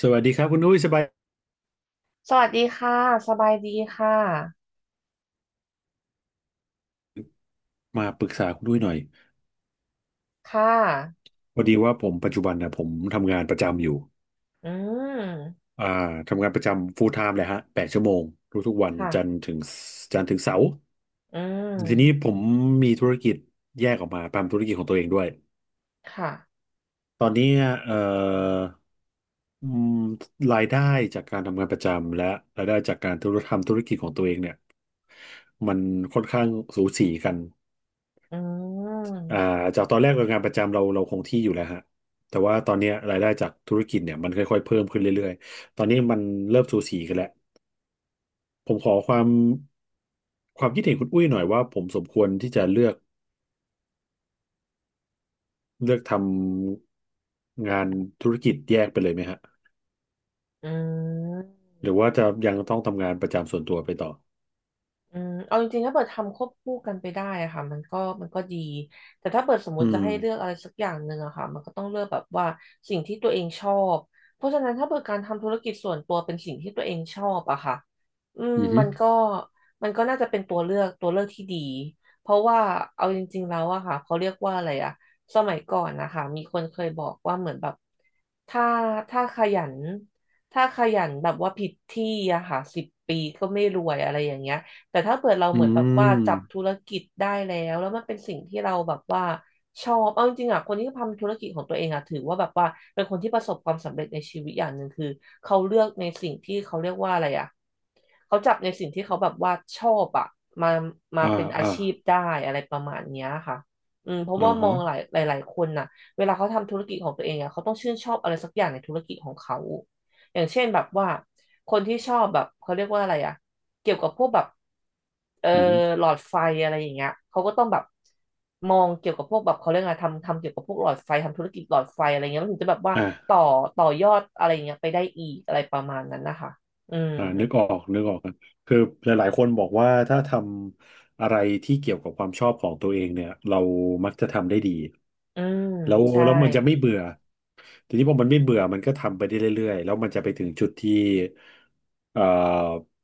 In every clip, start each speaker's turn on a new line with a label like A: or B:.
A: สวัสดีครับคุณนุ้ยสบาย
B: สวัสดีค่ะ สบายดีค่ะ
A: มาปรึกษาคุณนุ้ยหน่อย
B: ค่ะ
A: พอดีว่าผมปัจจุบันนะผมทำงานประจำอยู่
B: อืม
A: อ่าทำงานประจำ full time เลยฮะแปดชั่วโมงทุกๆวัน
B: ค่ะ
A: จันทร์ถึงเสาร์
B: อื
A: ทีนี้
B: ม
A: ผมมีธุรกิจแยกออกมาทำธุรกิจของตัวเองด้วย
B: ค่ะ
A: ตอนนี้เอ่ออืมรายได้จากการทำงานประจำและรายได้จากการทำธุรกิจของตัวเองเนี่ยมันค่อนข้างสูสีกัน
B: อื
A: อ่า
B: ม
A: จากตอนแรกเรางานประจำเราคงที่อยู่แล้วฮะแต่ว่าตอนเนี้ยรายได้จากธุรกิจเนี่ยมันค่อยๆเพิ่มขึ้นเรื่อยๆตอนนี้มันเริ่มสูสีกันแล้วผมขอความคิดเห็นคุณอุ้ยหน่อยว่าผมสมควรที่จะเลือกทำงานธุรกิจแยกไปเลยไหมฮะ
B: อืม
A: หรือว่าจะยังต้องทำงานประจำส่วนตัวไปต่อ
B: เอาจริงๆ ถ้าเปิดทำควบคู่กันไปได้อะค่ะมันก็ดีแต่ถ้าเปิดสมม
A: อื
B: ติจะ
A: ม
B: ให้เลือกอะไรสักอย่างหนึ่งอะค่ะมันก็ต้องเลือกแบบว่าสิ่งที่ตัวเองชอบเพราะฉะนั้นถ้าเปิดการทำธุรกิจส่วนตัวเป็นสิ่งที่ตัวเองชอบอะค่ะอืม
A: อืมอหื
B: มั
A: อ
B: นก็มันก็น่าจะเป็นตัวเลือกที่ดีเพราะว่าเอาจริงๆแล้วอะค่ะเขาเรียกว่าอะไรอะสมัยก่อนนะคะมีคนเคยบอกว่าเหมือนแบบถ้าถ้าขยันถ้าขยันแบบว่าผิดที่อะค่ะ10 ปีก็ไม่รวยอะไรอย่างเงี้ย แต่ถ้าเปิดเรา
A: อื
B: เหมือนแบบ
A: ม
B: ว่าจับธุรกิจได้แล้วมันเป็นสิ่งที่เราแบบว่าชอบเอาจริงๆอ่ะคนที่ทำธุรกิจของตัวเองอ่ะถือว่าแบบว่าเป็นคนที่ประสบความสำเร็จในชีวิตอย่างหนึ่งคือเขาเลือกในสิ่งที่เขาเรียกว่าอะไรอ่ะเขาจับในสิ่งที่เขาแบบว่าชอบอ่ะมามา
A: อ่า
B: เป็นอา
A: อ่า
B: ชีพได้อะไรประมาณเนี้ยค่ะเพราะ
A: อ่า
B: ว่ามอ
A: ฮะ
B: งหลายๆคนน่ะเวลาเขาทำธุรกิจของตัวเองอ่ะเขาต้องชื่นชอบอะไรสักอย่างในธุรกิจของเขาอย่างเช่นแบบว่าคนที่ชอบแบบเขาเรียกว่าอะไรอ่ะ เกี่ยวกับพวกแบบเอ่อ
A: อืมอหือ
B: หลอดไฟอะไรอย่างเงี้ยเขาก็ต้องแบบมองเกี่ยวกับพวกแบบเขาเรียกอะไรทำเกี่ยวกับพวกหลอดไฟทำธุรกิจหลอดไฟอะไรเงี้ยมันถึงจะแบบว่าต่
A: อ่า
B: อต่อยอดอะไรอ่เงี้ยไปได้อีกอะไรประมาณนั้นนะคะอืม
A: อ่านึกออกนึกออกครับคือหลายๆคนบอกว่าถ้าทำอะไรที่เกี่ยวกับความชอบของตัวเองเนี่ยเรามักจะทำได้ดี
B: อืม
A: แล้ว
B: ใช่
A: แล้วมันจะไม่เบื่อทีนี้พอมันไม่เบื่อมันก็ทำไปได้เรื่อยๆแล้วมันจะไปถึงจุดที่เอ่อ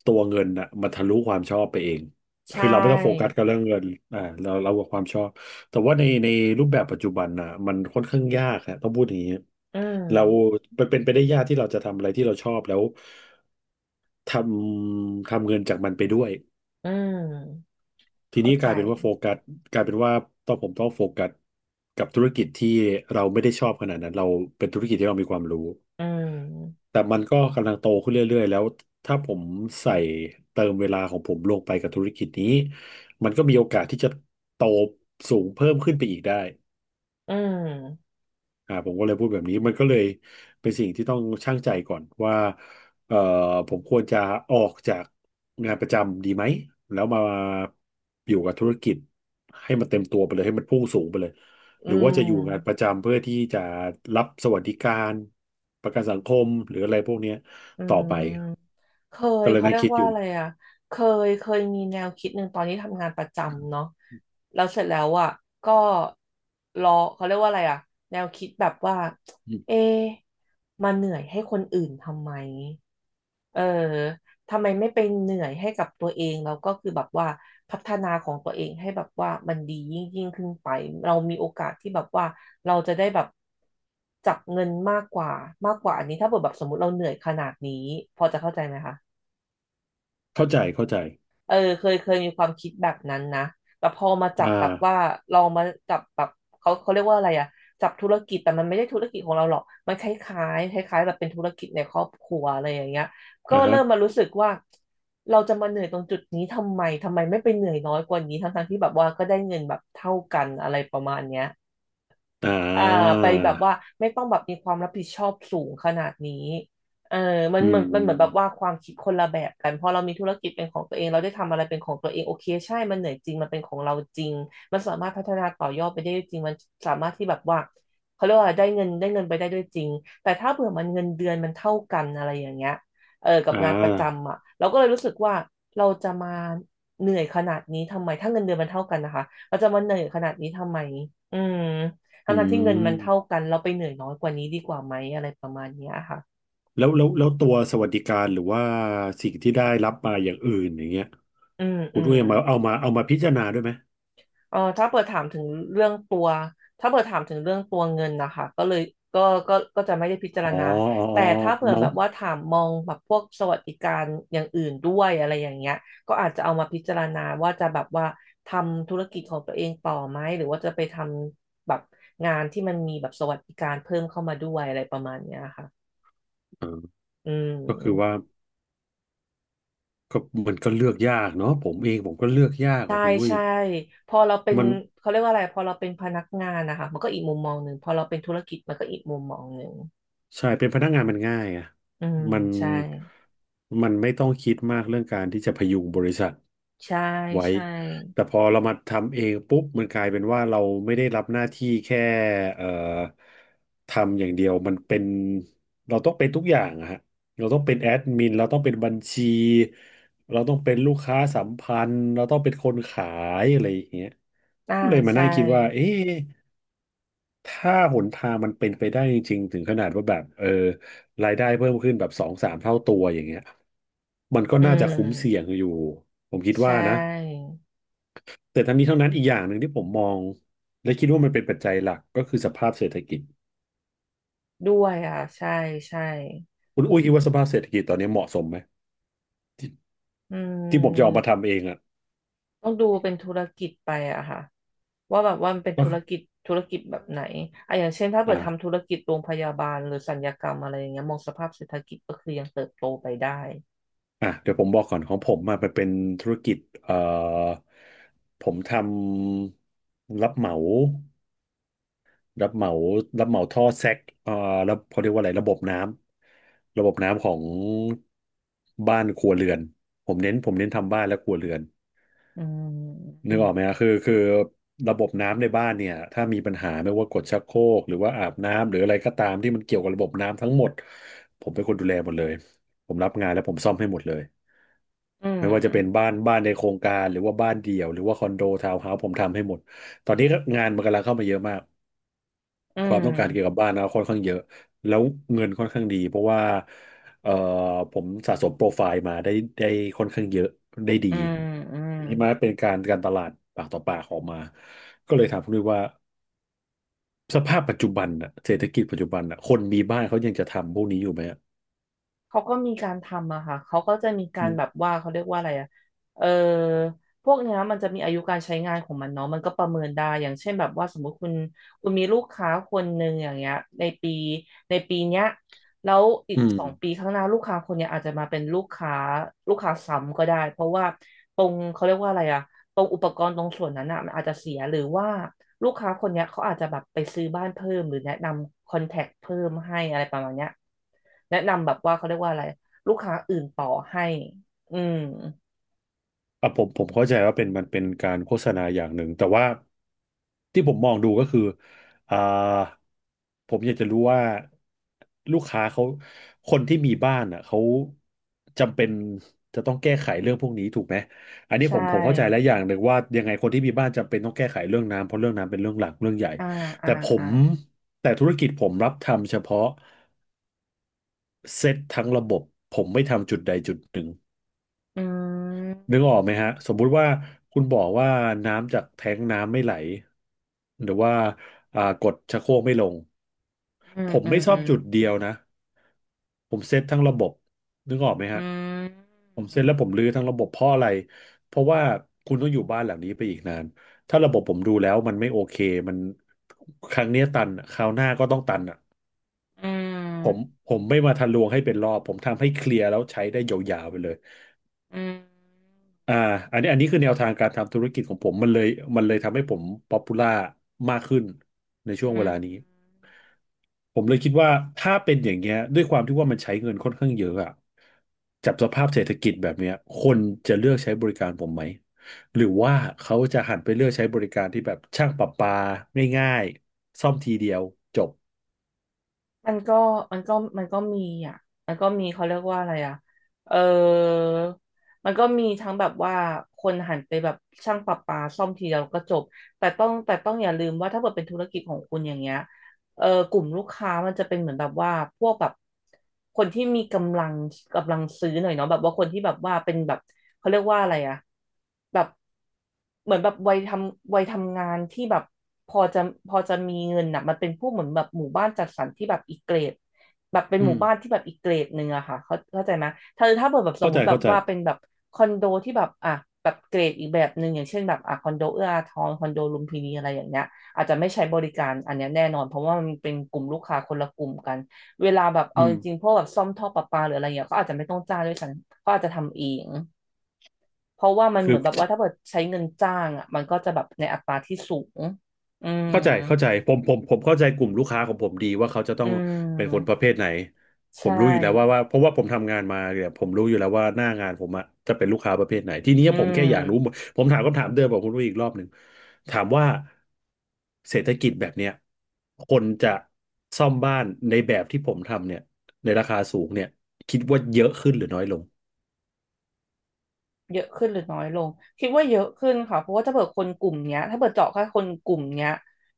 A: ตัวเงินน่ะมันทะลุความชอบไปเอง
B: ใช
A: คือเราไม่ต้องโฟกัส
B: ่
A: กับเรื่องเงินอ่าเรากับความชอบแต่ว่าในรูปแบบปัจจุบันน่ะมันค่อนข้างยากฮะต้องพูดอย่างนี้
B: อืม
A: เราเป็นไปได้ยากที่เราจะทำอะไรที่เราชอบแล้ว ททำเงินจากมันไปด้วย
B: อืม
A: ที
B: เข้า
A: นี้ก
B: ใจ
A: ลายเป็นว่าโฟกัสกลายเป็นว่าต้องผมต้องโฟกัสกับธุรกิจที่เราไม่ได้ชอบขนาดนั้นเราเป็นธุรกิจที่เรามีความรู้
B: อืม
A: แต่มันก็กำลังโตขึ้นเรื่อยๆแล้วถ้าผมใส่เติมเวลาของผมลงไปกับธุรกิจนี้มันก็มีโอกาสที่จะโตสูงเพิ่มขึ้นไปอีกได้
B: อืม
A: ผมก็เลยพูดแบบนี้มันก็เลยเป็นสิ่งที่ต้องชั่งใจก่อนว่าเอ่อผมควรจะออกจากงานประจำดีไหมแล้วมาอยู่กับธุรกิจให้มันเต็มตัวไปเลยให้มันพุ่งสูงไปเลย
B: อื
A: หรือ
B: ม
A: ว่าจะอยู่งานประจำเพื่อที่จะรับสวัสดิการประกันสังคมหรืออะไรพวกเนี้ย
B: อื
A: ต่อ
B: ม
A: ไป
B: เคย
A: ก็เลย
B: เขา
A: นั่ง
B: เรียก
A: คิดอ
B: ว่า
A: ยู่
B: อะไรอ่ะ เคเคยมีแนวคิดหนึ่งตอนนี้ทำงานประจำเนาะแล้วเสร็จแล้วอ่ะก็รอเขาเรียกว่าอะไรอ่ะแนวคิดแบบว่า
A: อืม
B: เอ๊ะมาเหนื่อยให้คนอื่นทำไมเออทำไมไม่ไปเหนื่อยให้กับตัวเองแล้วก็คือแบบว่าพัฒนาของตัวเองให้แบบว่ามันดียิ่งยิ่งขึ้นไปเรามีโอกาสที่แบบว่าเราจะได้แบบจับเงินมากกว่าอันนี้ถ้าเกิดแบบสมมติเราเหนื่อยขนาดนี้พอจะเข้าใจไหมคะ
A: เข้าใจเข้าใจ
B: เออเคยมีความคิดแบบนั้นนะแต่พอมาจับ
A: อ่า
B: แบบว่าลองมาจับแบบเขาเรียกว่าอะไรอะจับธุรกิจแต่มันไม่ได้ธุรกิจของเราหรอกมันคล้ายๆคล้ายๆแบบเป็นธุรกิจในครอบครัวอะไรอย่างเงี้ยก็
A: อ่าฮะ
B: เริ่มมารู้สึกว่าเราจะมาเหนื่อยตรงจุดนี้ทำไมทำไมไม่ไปเหนื่อยน้อยกว่านี้ทั้งๆที่แบบว่าก็ได้เงินแบบเท่ากันอะไรประมาณเนี้ย
A: อ่
B: อ่า
A: า
B: ไปแบบว่าไม่ต้องแบบมีความรับผิดชอบสูงขนาดนี้เออมัน
A: อื
B: เหมือ
A: ม
B: นมันเหมือนแบบว่าความคิดคนละแบบกันพอเรามีธุรกิจเป็นของตัวเองเราได้ทำอะไรเป็นของตัวเองโอเคใช่มันเหนื่อยจริงมันเป็นของเราจริงมันสามารถพัฒนาต่อยอดไปได้จริงมันสามารถที่แบบว่าเขาเรียกว่าได้เงินไปได้ด้วยจริงแต่ถ้าเผื่อมันเงินเดือนมันเท่ากันอะไรอย่างเงี้ยเออกับ
A: อ่
B: งานประ
A: า
B: จำอ่ะเราก็เลยรู้สึกว่าเราจะมาเหนื่อยขนาดนี้ทำไมถ้าเงินเดือนมันเท่ากันนะคะเราจะมาเหนื่อยขนาดนี้ทำไมอืม ทั้
A: อื
B: งทั้งที่เงิน
A: ม
B: มันเท่ากันเราไปเหนื่อยน้อยกว่านี้ดีกว่าไหมอะไรประมาณเนี้ยค่ะ
A: แล้วตัวสวัสดิการหรือว่าสิ่งที่ได้รับมาอย่างอื่นอย่างเงี้ย
B: อืม
A: คุ
B: อื
A: ณอุ้
B: ม
A: ยเอามาพิจารณาด้วยไหม
B: เออเรื่องตัวถ้าเปิดถามถึงเรื่องตัวเงินนะคะก็เลยก็จะไม่ได้พิจาร
A: อ๋อ
B: ณา
A: อ๋อ
B: แต่
A: อ๋อ
B: ถ้าเผื่อ
A: มอ
B: แบ
A: ง
B: บว่าถามมองแบบพวกสวัสดิการอย่างอื่นด้วยอะไรอย่างเงี้ยก็อาจจะเอามาพิจารณาว่าจะแบบว่าทำธุรกิจของตัวเองต่อไหมหรือว่าจะไปทำแบบงานที่มันมีแบบสวัสดิการเพิ่มเข้ามาด้วยอะไรประมาณเนี้ยค่ะ
A: เออ
B: อื
A: ก็คือว่า
B: ม
A: ก็มันก็เลือกยากเนาะผมเองผมก็เลือกยาก
B: ใช่
A: อ่ะคุณอุ้ย
B: ใช่พอเราเป็น
A: มัน
B: เขาเรียกว่าอะไรพอเราเป็นพนักงานนะคะมันก็อีกมุมมองหนึ่งพอเราเป็นธุรกิจมันก็อีกมุมมองหนึ่ง
A: ใช่เป็นพนักงานมันง่ายอ่ะ
B: อืม
A: มัน
B: ใช่
A: มันไม่ต้องคิดมากเรื่องการที่จะพยุงบริษัท
B: ใช่
A: ไว้
B: ใช่
A: แต่พอเรามาทำเองปุ๊บมันกลายเป็นว่าเราไม่ได้รับหน้าที่แค่เอ่อทำอย่างเดียวมันเป็นเราต้องเป็นทุกอย่างอะฮะเราต้องเป็นแอดมินเราต้องเป็นบัญชีเราต้องเป็นลูกค้าสัมพันธ์เราต้องเป็นคนขายอะไรอย่างเงี้ย
B: อ่า
A: เลยมา
B: ใช่
A: นั่งคิดว่าเอ๊ะ ถ้าหนทางมันเป็นไปได้จริงๆถึงขนาดว่าแบบรายได้เพิ่มขึ้นแบบสองสามเท่าตัวอย่างเงี้ยมันก็
B: อื
A: น่าจะคุ้มเสี่ยง
B: ม
A: อยู่ผมคิด
B: ใช่
A: ว่านะแต่ทั้งนี้ทั้งนั้นอีกอย่างหนึ่งที่ผมมองและคิดว่ามันเป็นปัจจัยหลักก็คือสภาพเศรษฐกิจ
B: ด้วยอ่ะใช่ใช่
A: คุณอุ้ยคิดว่าสภาพเศรษฐกิจตอนนี้เหมาะสมไหม
B: อื
A: ที่ผมจะออกมา
B: ม
A: ทำเองอ่ะ
B: ต้องดูเป็นธุรกิจไปอะค่ะว่าแบบว่ามันเป็น
A: ก็
B: ธุรกิจแบบไหนอะอย่างเช่นถ้าเปิดทำธุ
A: อ่า
B: รกิจโรงพยาบาลหรือศัลยกรรมอะไรอย่างเงี้ยมองสภาพเศรษฐกิจก็คือยังเติบโตไปได้
A: อ่ะเดี๋ยวผมบอกก่อนของผมมาเป็นธุรกิจเอ่อผมทำรับเหมา รับเหมารับเหมาท่อแซกแล้วเขาเรียกว่าอะไรระบบน้ำของบ้านครัวเรือนผมเน้นทำบ้านและครัวเรือน
B: อื
A: นึกออกไหมฮะ
B: ม
A: คือระบบน้ำในบ้านเนี่ย ถ้ามีปัญหาไม่ว่ากดชักโครกหรือว่าอาบน้ำ หรืออะไรก็ตามที่มันเกี่ยวกับระบบน้ำทั้งหมดผมเป็นคนดูแลหมดเลยผมรับงานแล้วผมซ่อมให้หมดเลย
B: อื
A: ไม่ว่าจะเป็น
B: ม
A: บ้านในโครงการ หรือว่าบ้านเดี่ยวหรือว่าคอนโดทาวน์เฮาส์ผมทำให้หมดตอนนี้งานมันกำลังเข้ามาเยอะมาก
B: อื
A: ความต้องการเกี่ยวกั
B: ม
A: บบ้านนะค่อนข้างเยอะแล้วเงินค่อนข้างดีเพราะว่าเอ่อผมสะสมโปรไฟล์มาได้ค่อนข้างเยอะได้ดี
B: อืมอืม
A: ทีนี้มาเป็นการตลาดปากต่อปากออกมาก็เลยถามคุณด้วยว่าสภาพปัจจุบันน่ะเศรษฐกิจปัจจุบันน่ะคนมีบ้านเขายังจะทำพวกนี้อยู่ไหมอะ
B: เขาก็มีการทำอะค่ะเขาก็จะมีการแบบว่าเขาเรียกว่าอะไรอะเออพวกเนี้ยมันจะมีอายุการใช้งานของมันเนาะมันก็ประเมินได้อย่างเช่นแบบว่าสมมติคุณมีลูกค้าคนหนึ่งอย่างเงี้ยในปีในปีเนี้ยแล้วอี
A: อื
B: ก
A: ม
B: สองปีข้างหน้าลูกค้าคนเนี้ยอาจจะมาเป็นลูกค้าซ้ำก็ได้เพราะว่าตรงเขาเรียกว่าอะไรอะ ตรงอุปกรณ์ตรงส่วนนั้นอ่ะมันอาจจะเสียหรือว่าลูกค้าคนเนี้ยเขาอาจจะแบบไปซื้อบ้านเพิ่มหรือแนะนำคอนแทคเพิ่มให้อะไรประมาณเนี้ยแนะนำแบบว่าเขาเรียกว่าอะไรลูกค้าอื่นต่อให้อืม
A: อ่ะผมเข้าใจว่าเป็นมันเป็นการโฆษณาอย่างหนึ่งแต่ว่าที่ผมมองดูก็คืออ่าผมอยากจะรู้ว่าลูกค้าเขาคนที่มีบ้านอ่ะเขาจำเป็นจะต้องแก้ไขเรื่องพวกนี้ถูกไหมอันนี้
B: ใช
A: ผมเข้าใจแล้ว
B: ่
A: อย่างหนึ่งว่ายังไงคนที่มีบ้านจำเป็นต้องแก้ไขเรื่องน้ำเพราะเรื่องน้ำเป็นเรื่องหลักเรื่องใหญ่
B: อ่าอ่า
A: แต่ผ
B: อ่า
A: มแต่ธุรกิจผมรับทำเฉพาะเซตทั้งระบบผมไม่ทำจุดใดจุดหนึ่ง
B: อื
A: นึกออกไห
B: ม
A: มฮะสมมุติว่าคุณบอกว่าน้ำจากแท้งน้ำไม่ไหลหรือว่ากดชักโครกไม่ลง
B: อื
A: ผ
B: ม
A: ม
B: อื
A: ไม่
B: ม
A: ซ่
B: อื
A: อม
B: ม
A: จุดเดียวนะผมเซตทั้งระบบนึกออกไหม
B: อ
A: ฮะ
B: ื
A: ผมเซ็นแล้วผมรื้อทั้งระบบเพราะอะไรเพราะว่าคุณต้องอยู่บ้านหลังนี้ไปอีกนานถ้าระบบผมดูแล้วมันไม่โอเคมันครั้งเนี้ยตันอะคราวหน้าก็ต้องตันอ่ะ
B: ม
A: ผมผมไม่มาทะลวงให้เป็นรอบผมทำให้เคลียร์แล้วใช้ได้ยาวๆไปเลย
B: อืม
A: อ่าอันนี้คือแนวทางการทำธุรกิจของผมมันเลยทำให้ผมป๊อปปูล่ามากขึ้นในช่
B: อื
A: วง
B: มอื
A: เว
B: ม
A: ลานี้ผมเลยคิดว่าถ้าเป็นอย่างเงี้ยด้วยความที่ว่ามันใช้เงินค่อนข้างเยอะอะจับสภาพเศรษฐกิจแบบเนี้ยคนจะเลือกใช้บริการผมไหมหรือว่าเขาจะหันไปเลือกใช้บริการที่แบบช่างประปาง่ายๆซ่อมทีเดียวจบ
B: มันก็มันก็มันก็มีอ่ะ มันก็มีเขาเรียกว่าอะไรอ่ะเออมันก็มีทั้งแบบว่าคนหันไปแบบช่างประปาซ่อมทีเดียวก็จบแต่ต้องอย่าลืมว่าถ้าเกิดเป็นธุรกิจของคุณอย่างเงี้ย เออกลุ่มลูกค้ามันจะเป็นเหมือนแบบว่าพวกแบบคนที่มีกำลังกำลังซื้อหน่อยเนาะแบบว่าคนที่แบบว่าเป็นแบบเขาเรียกว่าอะไรอะแบบเหมือนแบบวัยทำงานที่แบบพอจะพอจะมีเงินอะมันเป็นพวกเหมือนแบบหมู่บ้านจัดสรรที่แบบอีกเกรดแบบเป็นห
A: อื
B: มู่
A: ม
B: บ้านที่แบบอีกเกรดหนึ่งอะค่ะเขาเข้าใจไหมถ้าเปิดแบบสม
A: เข้า
B: ม
A: ใจ
B: ติแบ
A: เข้า
B: บ
A: ใจ
B: ว่าเป็นแบบคอนโดที่แบบอ่ะแบบเกรดอีกแบบหนึ่งอย่างเช่นแบบอ่ะคอนโดเอื้ออาทรคอนโดลุมพินีอะไรอย่างเงี้ย อาจจะไม่ใช้บริการอันนี้แน่นอนเพราะว่ามันเป็นกลุ่มลูกค้าคนละกลุ่มกันเวลาแบบ
A: อื
B: เอาจ
A: ม
B: ริงๆพวกแบบซ่อมท่อประปาหรืออะไรอย่างเงี้ยก็อาจจะไม่ต้องจ้างด้วยซ้ำก็อาจจะทำเองเพราะว่ามันเห
A: คื
B: มือ
A: อ
B: นแบบว่าถ้าเกิดใช้เงินจ้างอ่ะมันก็จะแบบในอัตราที่สูงอืม
A: เข้าใจเข้าใจผมเข้าใจกลุ่มลูกค้าของผมดีว่าเขาจะต้
B: อื
A: องเป็นคนประ
B: ม
A: เภทไหนผ
B: ใช่
A: มรู้อยู่แล้วว่าเพราะว่าผมทำงานมาเนี่ยผมรู้อยู่แล้วว่าหน้างานผมอะจะเป็นลูกค้าประเภทไหนทีนี้
B: อื
A: ผมแค่อยากรู้หมด
B: ม
A: ผมถามคำถามเดิมกับคุณรู้ยอีกรอบหนึ่งถามว่าเศรษฐกิจแบบเนี้ยคนจะซ่อมบ้านในแบบที่ผมทำเนี่ยในราคาสูงเนี่ยคิดว่าเยอะขึ้นหรือน้อยลง
B: เยอะขึ้นหรือน้อยลงคิดว่าเยอะขึ้นค่ะเพราะว่าถ้าเปิดคนกลุ่มเนี้ยถ้าเปิดเจาะแค่คนกลุ่มเนี้ย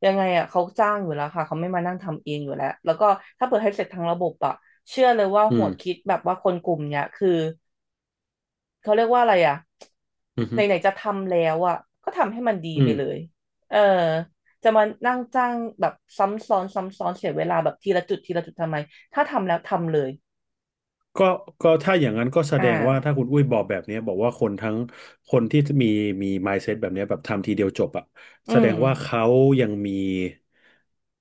B: ยังไงอ่ะเขาจ้างอยู่แล้วค่ะเขาไม่มานั่งทำเองอยู่แล้วแล้วก็ถ้าเปิดให้เสร็จทางระบบอ่ะเชื่อเลยว่า
A: อื
B: หั
A: ม
B: วคิดแบบว่าคนกลุ่มเนี้ยคือเขาเรียกว่าอะไรอ่ะ
A: อืมอ
B: ไห
A: ฮึ
B: นๆจะทำแล้วอ่ะก็ทำให้มันดี
A: อื
B: ไป
A: ม
B: เลยเออจะมานั่งจ้างแบบซ้ำซ้อนเสียเวลาแบบทีละจุดทำไมถ้าทำแล้วทำเลย
A: ก็ก็ถ้าอย่างนั้นก็แส
B: อ่า
A: ดงว่าถ้าคุณอุ้ยบอกแบบเนี้ยบอกว่าคนที่มี mindset แบบเนี้ยแบบทำทีเดียวจบอะแส
B: อื
A: ด
B: ม
A: งว่ายังมี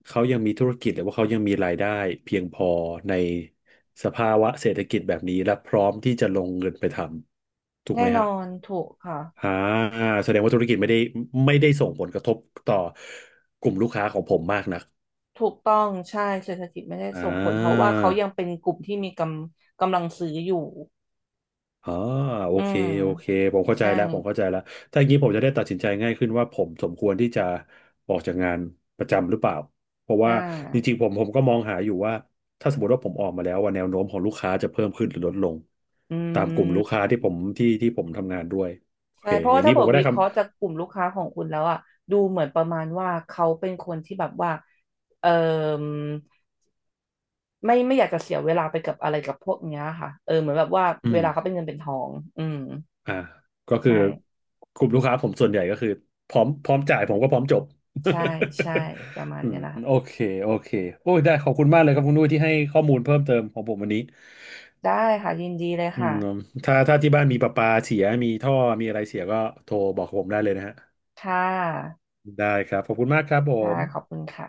A: เขายังมีธุรกิจหรือว่าเขายังมีรายได้เพียงพอในสภาวะเศรษฐกิจแบบนี้และพร้อมที่จะลงเงินไปทำถูกไห
B: แน่
A: ม
B: น
A: ฮะ
B: อนถูกค่ะ
A: อ่าแสดงว่าธุรกิจไม่ได้ส่งผลกระทบต่อกลุ่มลูกค้าของผมมากนัก
B: ถูกต้องใช่เศรษฐกิจไม่ได้
A: อ่า
B: ส่งผลเพราะว่าเขายังเป็นกลุ่มที่มีกำลังซื้ออยู่
A: อ่าโอ
B: อื
A: เค
B: ม
A: โอเคผมเข้าใจ
B: ใช่
A: แล้วผมเข้าใจแล้วถ้าอย่างนี้ผมจะได้ตัดสินใจง่ายขึ้นว่าผมสมควรที่จะออกจากงานประจำหรือเปล่าเพราะว่า
B: อ่า
A: จริงๆผมก็มองหาอยู่ว่าถ้าสมมติว่าผมออกมาแล้วว่าแนวโน้มของลูกค้าจะเพิ่มขึ้นหรือลดลง
B: อื
A: ตามกลุ่ม
B: ม
A: ลูกค้าที่ผมที่ที่ผมทำงานด้วยโอ
B: ใช่
A: เค
B: เพราะ
A: อ
B: ว่า
A: ย่าง
B: ถ้า
A: นี้
B: บ
A: ผ
B: อ
A: ม
B: ก
A: ก็
B: วิ
A: ได้
B: เค
A: คำ
B: ราะห์จากกลุ่มลูกค้าของคุณแล้วอะดูเหมือนประมาณว่าเขาเป็นคนที่แบบว่าเออไม่อยากจะเสียเวลาไปกับอะไรกับพวกเนี้ยค่ะเออเหมือนแบบว่า
A: อื
B: เว
A: ม
B: ลาเขาเป็นเงินเป็นทองอืม
A: อ่าก็คือ
B: ใช่
A: กลุ่มลูกค้าผมส่วนใหญ่ก็คือพร้อมจ่ายผมก็พร้อมจบ
B: ใช่ใช่ประมา ณ
A: อื
B: เนี้
A: ม
B: ยนะคะ
A: โอเคโอเคโอ้ยได้ขอบคุณมากเลยครับคุณนุ้ยที่ให้ข้อมูลเพิ่มเติมของผมวันนี้
B: ได้ค่ะยินดีเลย
A: อื
B: ค่ะ
A: มถ้าที่บ้านมีประปาเสียมีท่อมีอะไรเสียก็โทรบอกผมได้เลยนะฮะ
B: ค่ะ
A: ได้ครับขอบคุณมากครับผ
B: ค่ะ
A: ม
B: ขอบคุณค่ะ